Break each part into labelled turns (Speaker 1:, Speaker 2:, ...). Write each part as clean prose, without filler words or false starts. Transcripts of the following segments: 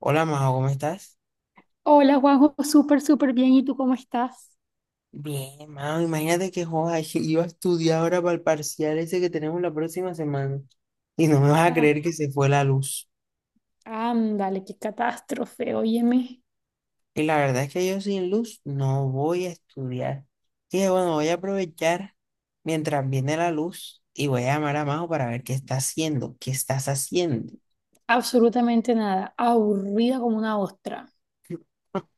Speaker 1: Hola, Majo, ¿cómo estás?
Speaker 2: Hola Juanjo, súper, súper bien. ¿Y tú cómo estás?
Speaker 1: Bien, Majo, imagínate que joda, iba a estudiar ahora para el parcial ese que tenemos la próxima semana y no me vas a
Speaker 2: Ah,
Speaker 1: creer que se fue la luz.
Speaker 2: ándale, qué catástrofe. Óyeme,
Speaker 1: Y la verdad es que yo sin luz no voy a estudiar. Dije, bueno, voy a aprovechar mientras viene la luz y voy a llamar a Majo para ver qué está haciendo, qué estás haciendo.
Speaker 2: absolutamente nada. Aburrida como una ostra.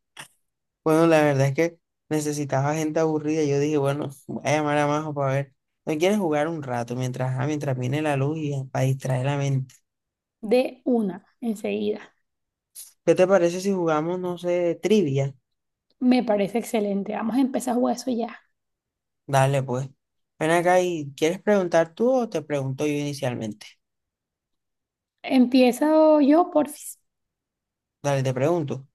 Speaker 1: Bueno, la verdad es que necesitaba gente aburrida. Yo dije, bueno, voy a llamar a Majo para ver. ¿No quieres jugar un rato mientras viene la luz y para distraer la mente?
Speaker 2: De una, enseguida.
Speaker 1: ¿Qué te parece si jugamos, no sé, trivia?
Speaker 2: Me parece excelente. Vamos a empezar a jugar eso ya.
Speaker 1: Dale, pues. Ven acá y ¿quieres preguntar tú o te pregunto yo inicialmente?
Speaker 2: Empiezo yo, porfis.
Speaker 1: Dale, te pregunto.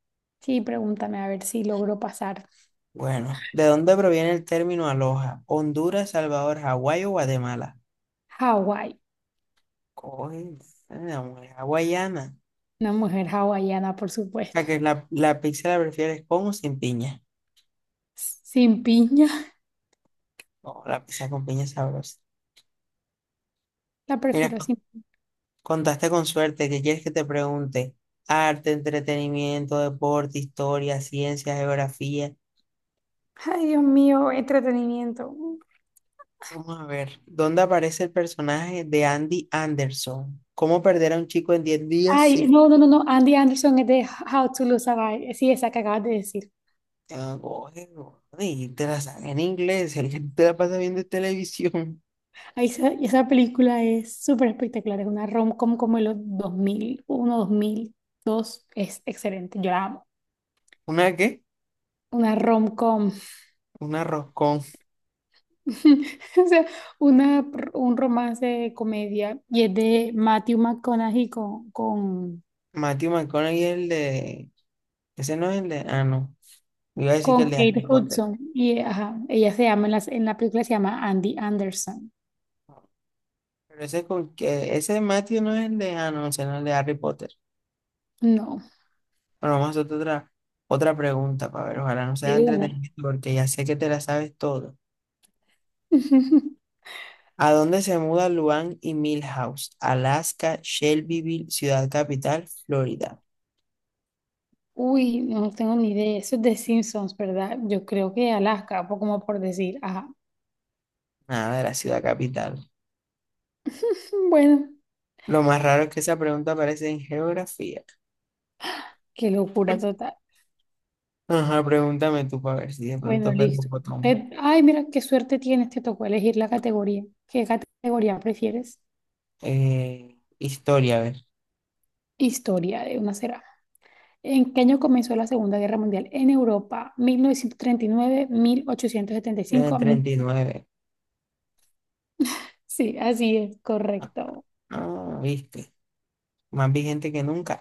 Speaker 2: Sí, pregúntame a ver si logro pasar.
Speaker 1: Bueno, ¿de dónde proviene el término aloha? ¿Honduras, Salvador, Hawái o Guatemala?
Speaker 2: Hawái.
Speaker 1: Coge, la mujer hawaiana.
Speaker 2: Una mujer hawaiana, por
Speaker 1: ¿A
Speaker 2: supuesto.
Speaker 1: que la pizza la prefieres con o sin piña?
Speaker 2: Sin piña.
Speaker 1: No, la pizza con piña es sabrosa.
Speaker 2: La
Speaker 1: Mira,
Speaker 2: prefiero sin.
Speaker 1: contaste con suerte. ¿Qué quieres que te pregunte? Arte, entretenimiento, deporte, historia, ciencia, geografía.
Speaker 2: Ay, Dios mío, entretenimiento.
Speaker 1: Vamos a ver, ¿dónde aparece el personaje de Andy Anderson? ¿Cómo perder a un chico en 10 días
Speaker 2: Ay,
Speaker 1: si...
Speaker 2: no, no, no, no. Andy Anderson es de How to Lose a Guy. Sí, esa que acabas de decir.
Speaker 1: Ah, oye, oye, te la saca en inglés, el que te la pasa viendo televisión.
Speaker 2: Ahí esa, esa película es súper espectacular. Es una rom-com como de los dos dos mil uno, dos mil dos. Es excelente. Yo la amo.
Speaker 1: ¿Una qué?
Speaker 2: Una rom-com.
Speaker 1: Una roscón.
Speaker 2: O sea, una, un romance de comedia. Y es de Matthew McConaughey con, con,
Speaker 1: Matthew McConaughey es el de... Ese no es el de... Ah, no. Iba a decir que el
Speaker 2: con
Speaker 1: de
Speaker 2: Kate
Speaker 1: Harry Potter.
Speaker 2: Hudson. Y ajá, ella se llama, en la película se llama Andy Anderson.
Speaker 1: Pero ese Matthew no es el de... Ah, no, ese no es el de Harry Potter.
Speaker 2: No,
Speaker 1: Bueno, vamos a hacer otra pregunta para ver, ojalá no sea
Speaker 2: de una.
Speaker 1: entretenimiento porque ya sé que te la sabes todo. ¿A dónde se mudan Luan y Milhouse? Alaska, Shelbyville, Ciudad Capital, Florida.
Speaker 2: Uy, no tengo ni idea. Eso es de Simpsons, ¿verdad? Yo creo que Alaska, po- como por decir, ajá.
Speaker 1: Nada de la Ciudad Capital.
Speaker 2: Bueno,
Speaker 1: Lo más raro es que esa pregunta aparece en geografía.
Speaker 2: qué locura total.
Speaker 1: Ajá, pregúntame tú para ver si de
Speaker 2: Bueno,
Speaker 1: pronto pego
Speaker 2: listo.
Speaker 1: botón.
Speaker 2: Ay, mira, qué suerte tienes, te tocó elegir la categoría. ¿Qué categoría prefieres?
Speaker 1: Historia, a ver.
Speaker 2: Historia de una será. ¿En qué año comenzó la Segunda Guerra Mundial en Europa? 1939,
Speaker 1: En el
Speaker 2: 1875.
Speaker 1: 39.
Speaker 2: Sí, así es, correcto.
Speaker 1: Ah, viste. Más vigente que nunca.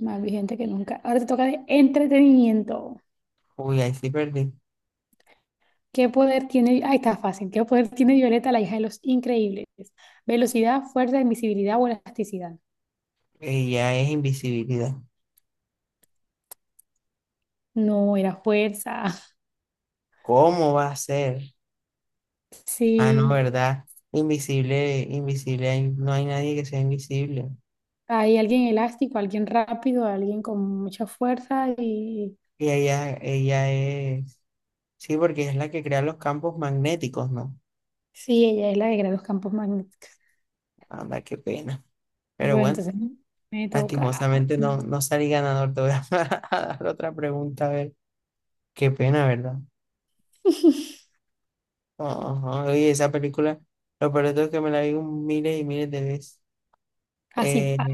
Speaker 2: Más vigente que nunca. Ahora te toca de entretenimiento.
Speaker 1: Uy, ahí sí perdí.
Speaker 2: ¿Qué poder tiene? Ahí está fácil. ¿Qué poder tiene Violeta, la hija de los increíbles? Velocidad, fuerza, invisibilidad o elasticidad.
Speaker 1: Ya es invisibilidad.
Speaker 2: No, era fuerza.
Speaker 1: ¿Cómo va a ser? Ah, no,
Speaker 2: Sí,
Speaker 1: ¿verdad? Invisible, invisible, ahí no hay nadie que sea invisible.
Speaker 2: hay alguien elástico, alguien rápido, alguien con mucha fuerza y
Speaker 1: Y ella es, sí, porque es la que crea los campos magnéticos, ¿no?
Speaker 2: sí, ella es la de los campos magnéticos.
Speaker 1: Anda, qué pena. Pero
Speaker 2: Bueno,
Speaker 1: bueno,
Speaker 2: entonces me toca.
Speaker 1: lastimosamente no salí ganador. Te voy a, a dar otra pregunta, a ver. Qué pena, ¿verdad? Ajá, oye, esa película, lo peor de todo es que me la vi un miles y miles de veces.
Speaker 2: Así.
Speaker 1: Eh,
Speaker 2: Pa-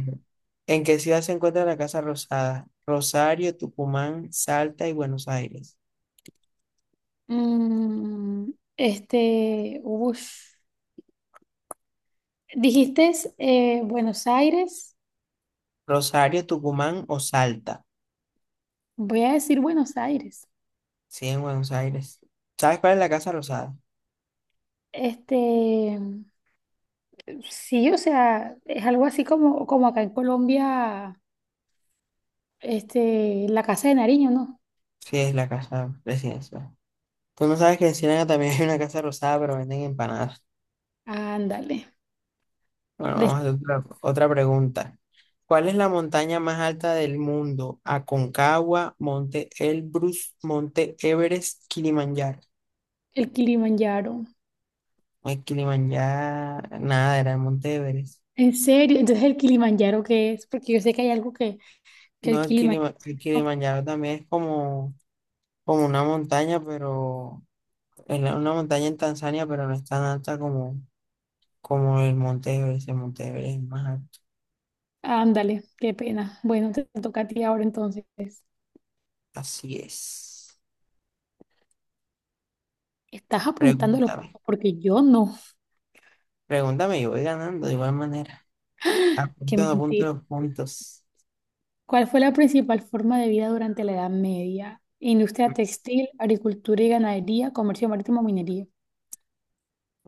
Speaker 1: ¿En qué ciudad se encuentra la Casa Rosada? Rosario, Tucumán, Salta y Buenos Aires.
Speaker 2: Mm, este, ush. Dijiste Buenos Aires.
Speaker 1: Rosario, Tucumán o Salta.
Speaker 2: Voy a decir Buenos Aires.
Speaker 1: Sí, en Buenos Aires. ¿Sabes cuál es la Casa Rosada?
Speaker 2: Este, Sí, o sea, es algo así como, como acá en Colombia, la Casa de Nariño, ¿no?
Speaker 1: Sí, es la casa presidencial. Tú no sabes que en Ciénaga también hay una casa rosada, pero venden empanadas.
Speaker 2: Ándale,
Speaker 1: Bueno, vamos a
Speaker 2: de-
Speaker 1: hacer otra pregunta. ¿Cuál es la montaña más alta del mundo? Aconcagua, Monte Elbrus, Monte Everest, Kilimanjaro.
Speaker 2: el Kilimanjaro.
Speaker 1: No es Kilimanjaro, nada, era el Monte Everest.
Speaker 2: En serio, entonces el Kilimanjaro, ¿qué es? Porque yo sé que hay algo que el
Speaker 1: No, el,
Speaker 2: Kilimanjaro.
Speaker 1: Kilima- el Kilimanjaro también es como una montaña, pero es una montaña en Tanzania, pero no es tan alta como el Monte Everest. El Monte Everest es más alto.
Speaker 2: Ándale, qué pena. Bueno, te toca a ti ahora entonces.
Speaker 1: Así es.
Speaker 2: Estás apuntando los
Speaker 1: Pregúntame.
Speaker 2: puntos porque yo no.
Speaker 1: Pregúntame y voy ganando de igual manera.
Speaker 2: Qué
Speaker 1: Apuntando a punto
Speaker 2: mentira.
Speaker 1: los puntos.
Speaker 2: ¿Cuál fue la principal forma de vida durante la Edad Media? Industria textil, agricultura y ganadería, comercio marítimo, minería.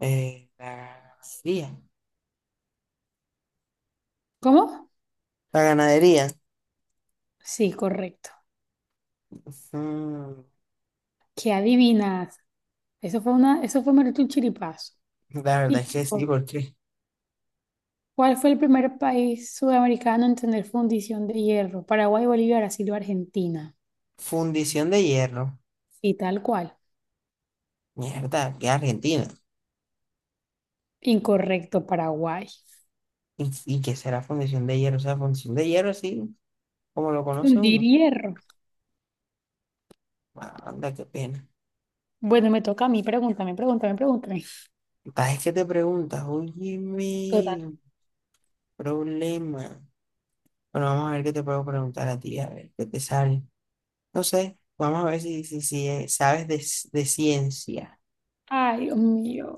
Speaker 1: La ganadería.
Speaker 2: ¿Cómo?
Speaker 1: La ganadería.
Speaker 2: Sí, correcto.
Speaker 1: Mm,
Speaker 2: ¿Qué adivinas? Eso fue una, eso fue meramente un chiripazo.
Speaker 1: la verdad es
Speaker 2: Y,
Speaker 1: que sí, porque
Speaker 2: ¿cuál fue el primer país sudamericano en tener fundición de hierro? Paraguay, Bolivia, Brasil o Argentina.
Speaker 1: fundición de hierro.
Speaker 2: Y tal cual.
Speaker 1: Mierda, que Argentina.
Speaker 2: Incorrecto, Paraguay.
Speaker 1: ¿Y qué será fundición de hierro? O sea, fundición de hierro así, como lo conoce
Speaker 2: Fundir
Speaker 1: uno.
Speaker 2: hierro.
Speaker 1: Ah, anda, qué pena.
Speaker 2: Bueno, me toca a mí. Pregúntame, pregúntame, pregúntame.
Speaker 1: Es que te preguntas, oye,
Speaker 2: Total.
Speaker 1: mi problema. Bueno, vamos a ver qué te puedo preguntar a ti, a ver qué te sale. No sé, vamos a ver si sabes de ciencia.
Speaker 2: Ay, Dios mío.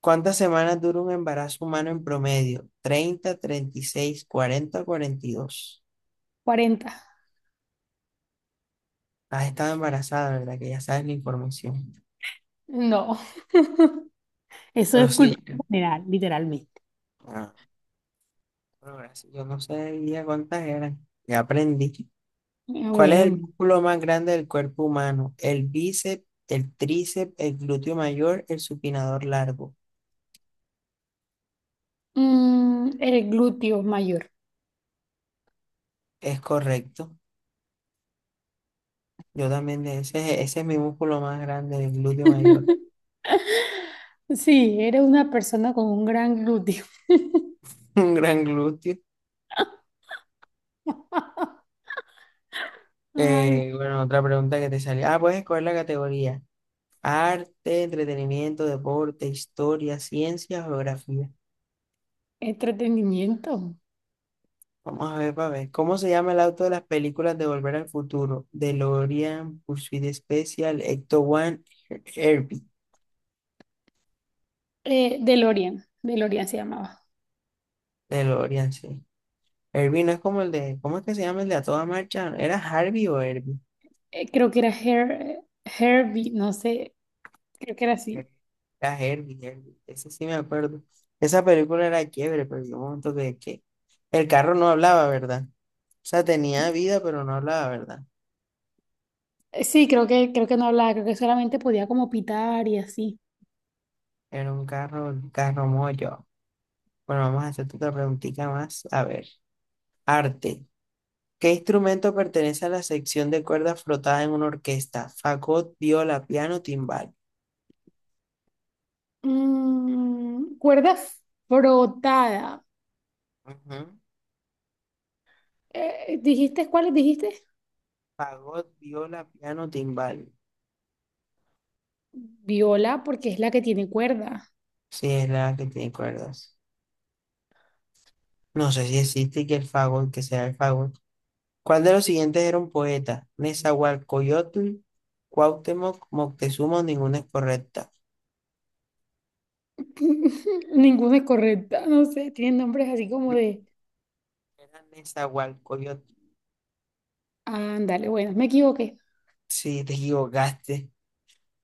Speaker 1: ¿Cuántas semanas dura un embarazo humano en promedio? 30, 36, 40, 42.
Speaker 2: Cuarenta.
Speaker 1: Has estado embarazada, ¿verdad? Que ya sabes la información.
Speaker 2: No, eso
Speaker 1: Pero
Speaker 2: es
Speaker 1: sí,
Speaker 2: cultura general, literalmente.
Speaker 1: ah, pero gracias. Yo no sabía cuántas eran. Ya aprendí.
Speaker 2: Ah,
Speaker 1: ¿Cuál es el
Speaker 2: bueno,
Speaker 1: músculo más grande del cuerpo humano? El bíceps, el tríceps, el glúteo mayor, el supinador largo.
Speaker 2: el glúteo mayor.
Speaker 1: Es correcto. Yo también, ese es mi músculo más grande, el glúteo mayor.
Speaker 2: Sí, eres una persona con un gran glúteo.
Speaker 1: Un gran glúteo.
Speaker 2: Ay,
Speaker 1: Bueno, otra pregunta que te salió. Ah, puedes escoger la categoría. Arte, entretenimiento, deporte, historia, ciencia, geografía.
Speaker 2: entretenimiento.
Speaker 1: Vamos a ver, para ver. ¿Cómo se llama el auto de las películas de Volver al Futuro? DeLorean, Pursuit Special, Ecto One, Herbie.
Speaker 2: DeLorean, DeLorean se llamaba.
Speaker 1: DeLorean, sí. Herbie no es como el de. ¿Cómo es que se llama el de a toda marcha? ¿Era Harvey o Herbie?
Speaker 2: Creo que era Her- Herbie, no sé, creo que era así.
Speaker 1: Era Herbie, Herbie, ese sí me acuerdo. Esa película era chévere, pero yo un momento que el carro no hablaba, ¿verdad? O sea, tenía vida, pero no hablaba, ¿verdad?
Speaker 2: Sí, creo que no hablaba, creo que solamente podía como pitar y así.
Speaker 1: Era un carro mollo. Bueno, vamos a hacerte otra preguntita más. A ver, arte. ¿Qué instrumento pertenece a la sección de cuerdas frotada en una orquesta? Fagot, viola, piano, timbal.
Speaker 2: Mm, cuerda frotada.
Speaker 1: Ujú.
Speaker 2: ¿Dijiste cuáles dijiste?
Speaker 1: Fagot, viola, piano, timbal.
Speaker 2: Viola, porque es la que tiene cuerda.
Speaker 1: Sí, es la que tiene cuerdas. No sé si existe que el fagot, que sea el fagot. ¿Cuál de los siguientes era un poeta? Nezahualcóyotl, Cuauhtémoc, Moctezuma, ninguna es correcta.
Speaker 2: Ninguna es correcta, no sé, tienen nombres así como de...
Speaker 1: Era Nezahualcóyotl.
Speaker 2: Ándale, bueno, me equivoqué.
Speaker 1: Sí, te equivocaste.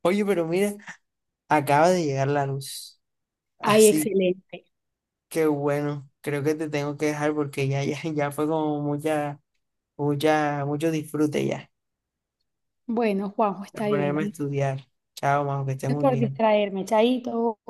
Speaker 1: Oye, pero mira, acaba de llegar la luz.
Speaker 2: Ay,
Speaker 1: Así
Speaker 2: excelente.
Speaker 1: que bueno, creo que te tengo que dejar porque ya fue como mucho disfrute ya.
Speaker 2: Bueno, Juanjo,
Speaker 1: A
Speaker 2: está
Speaker 1: ponerme a
Speaker 2: bien.
Speaker 1: estudiar. Chao, Majo, que estés
Speaker 2: Es
Speaker 1: muy
Speaker 2: por
Speaker 1: bien.
Speaker 2: distraerme, chaito.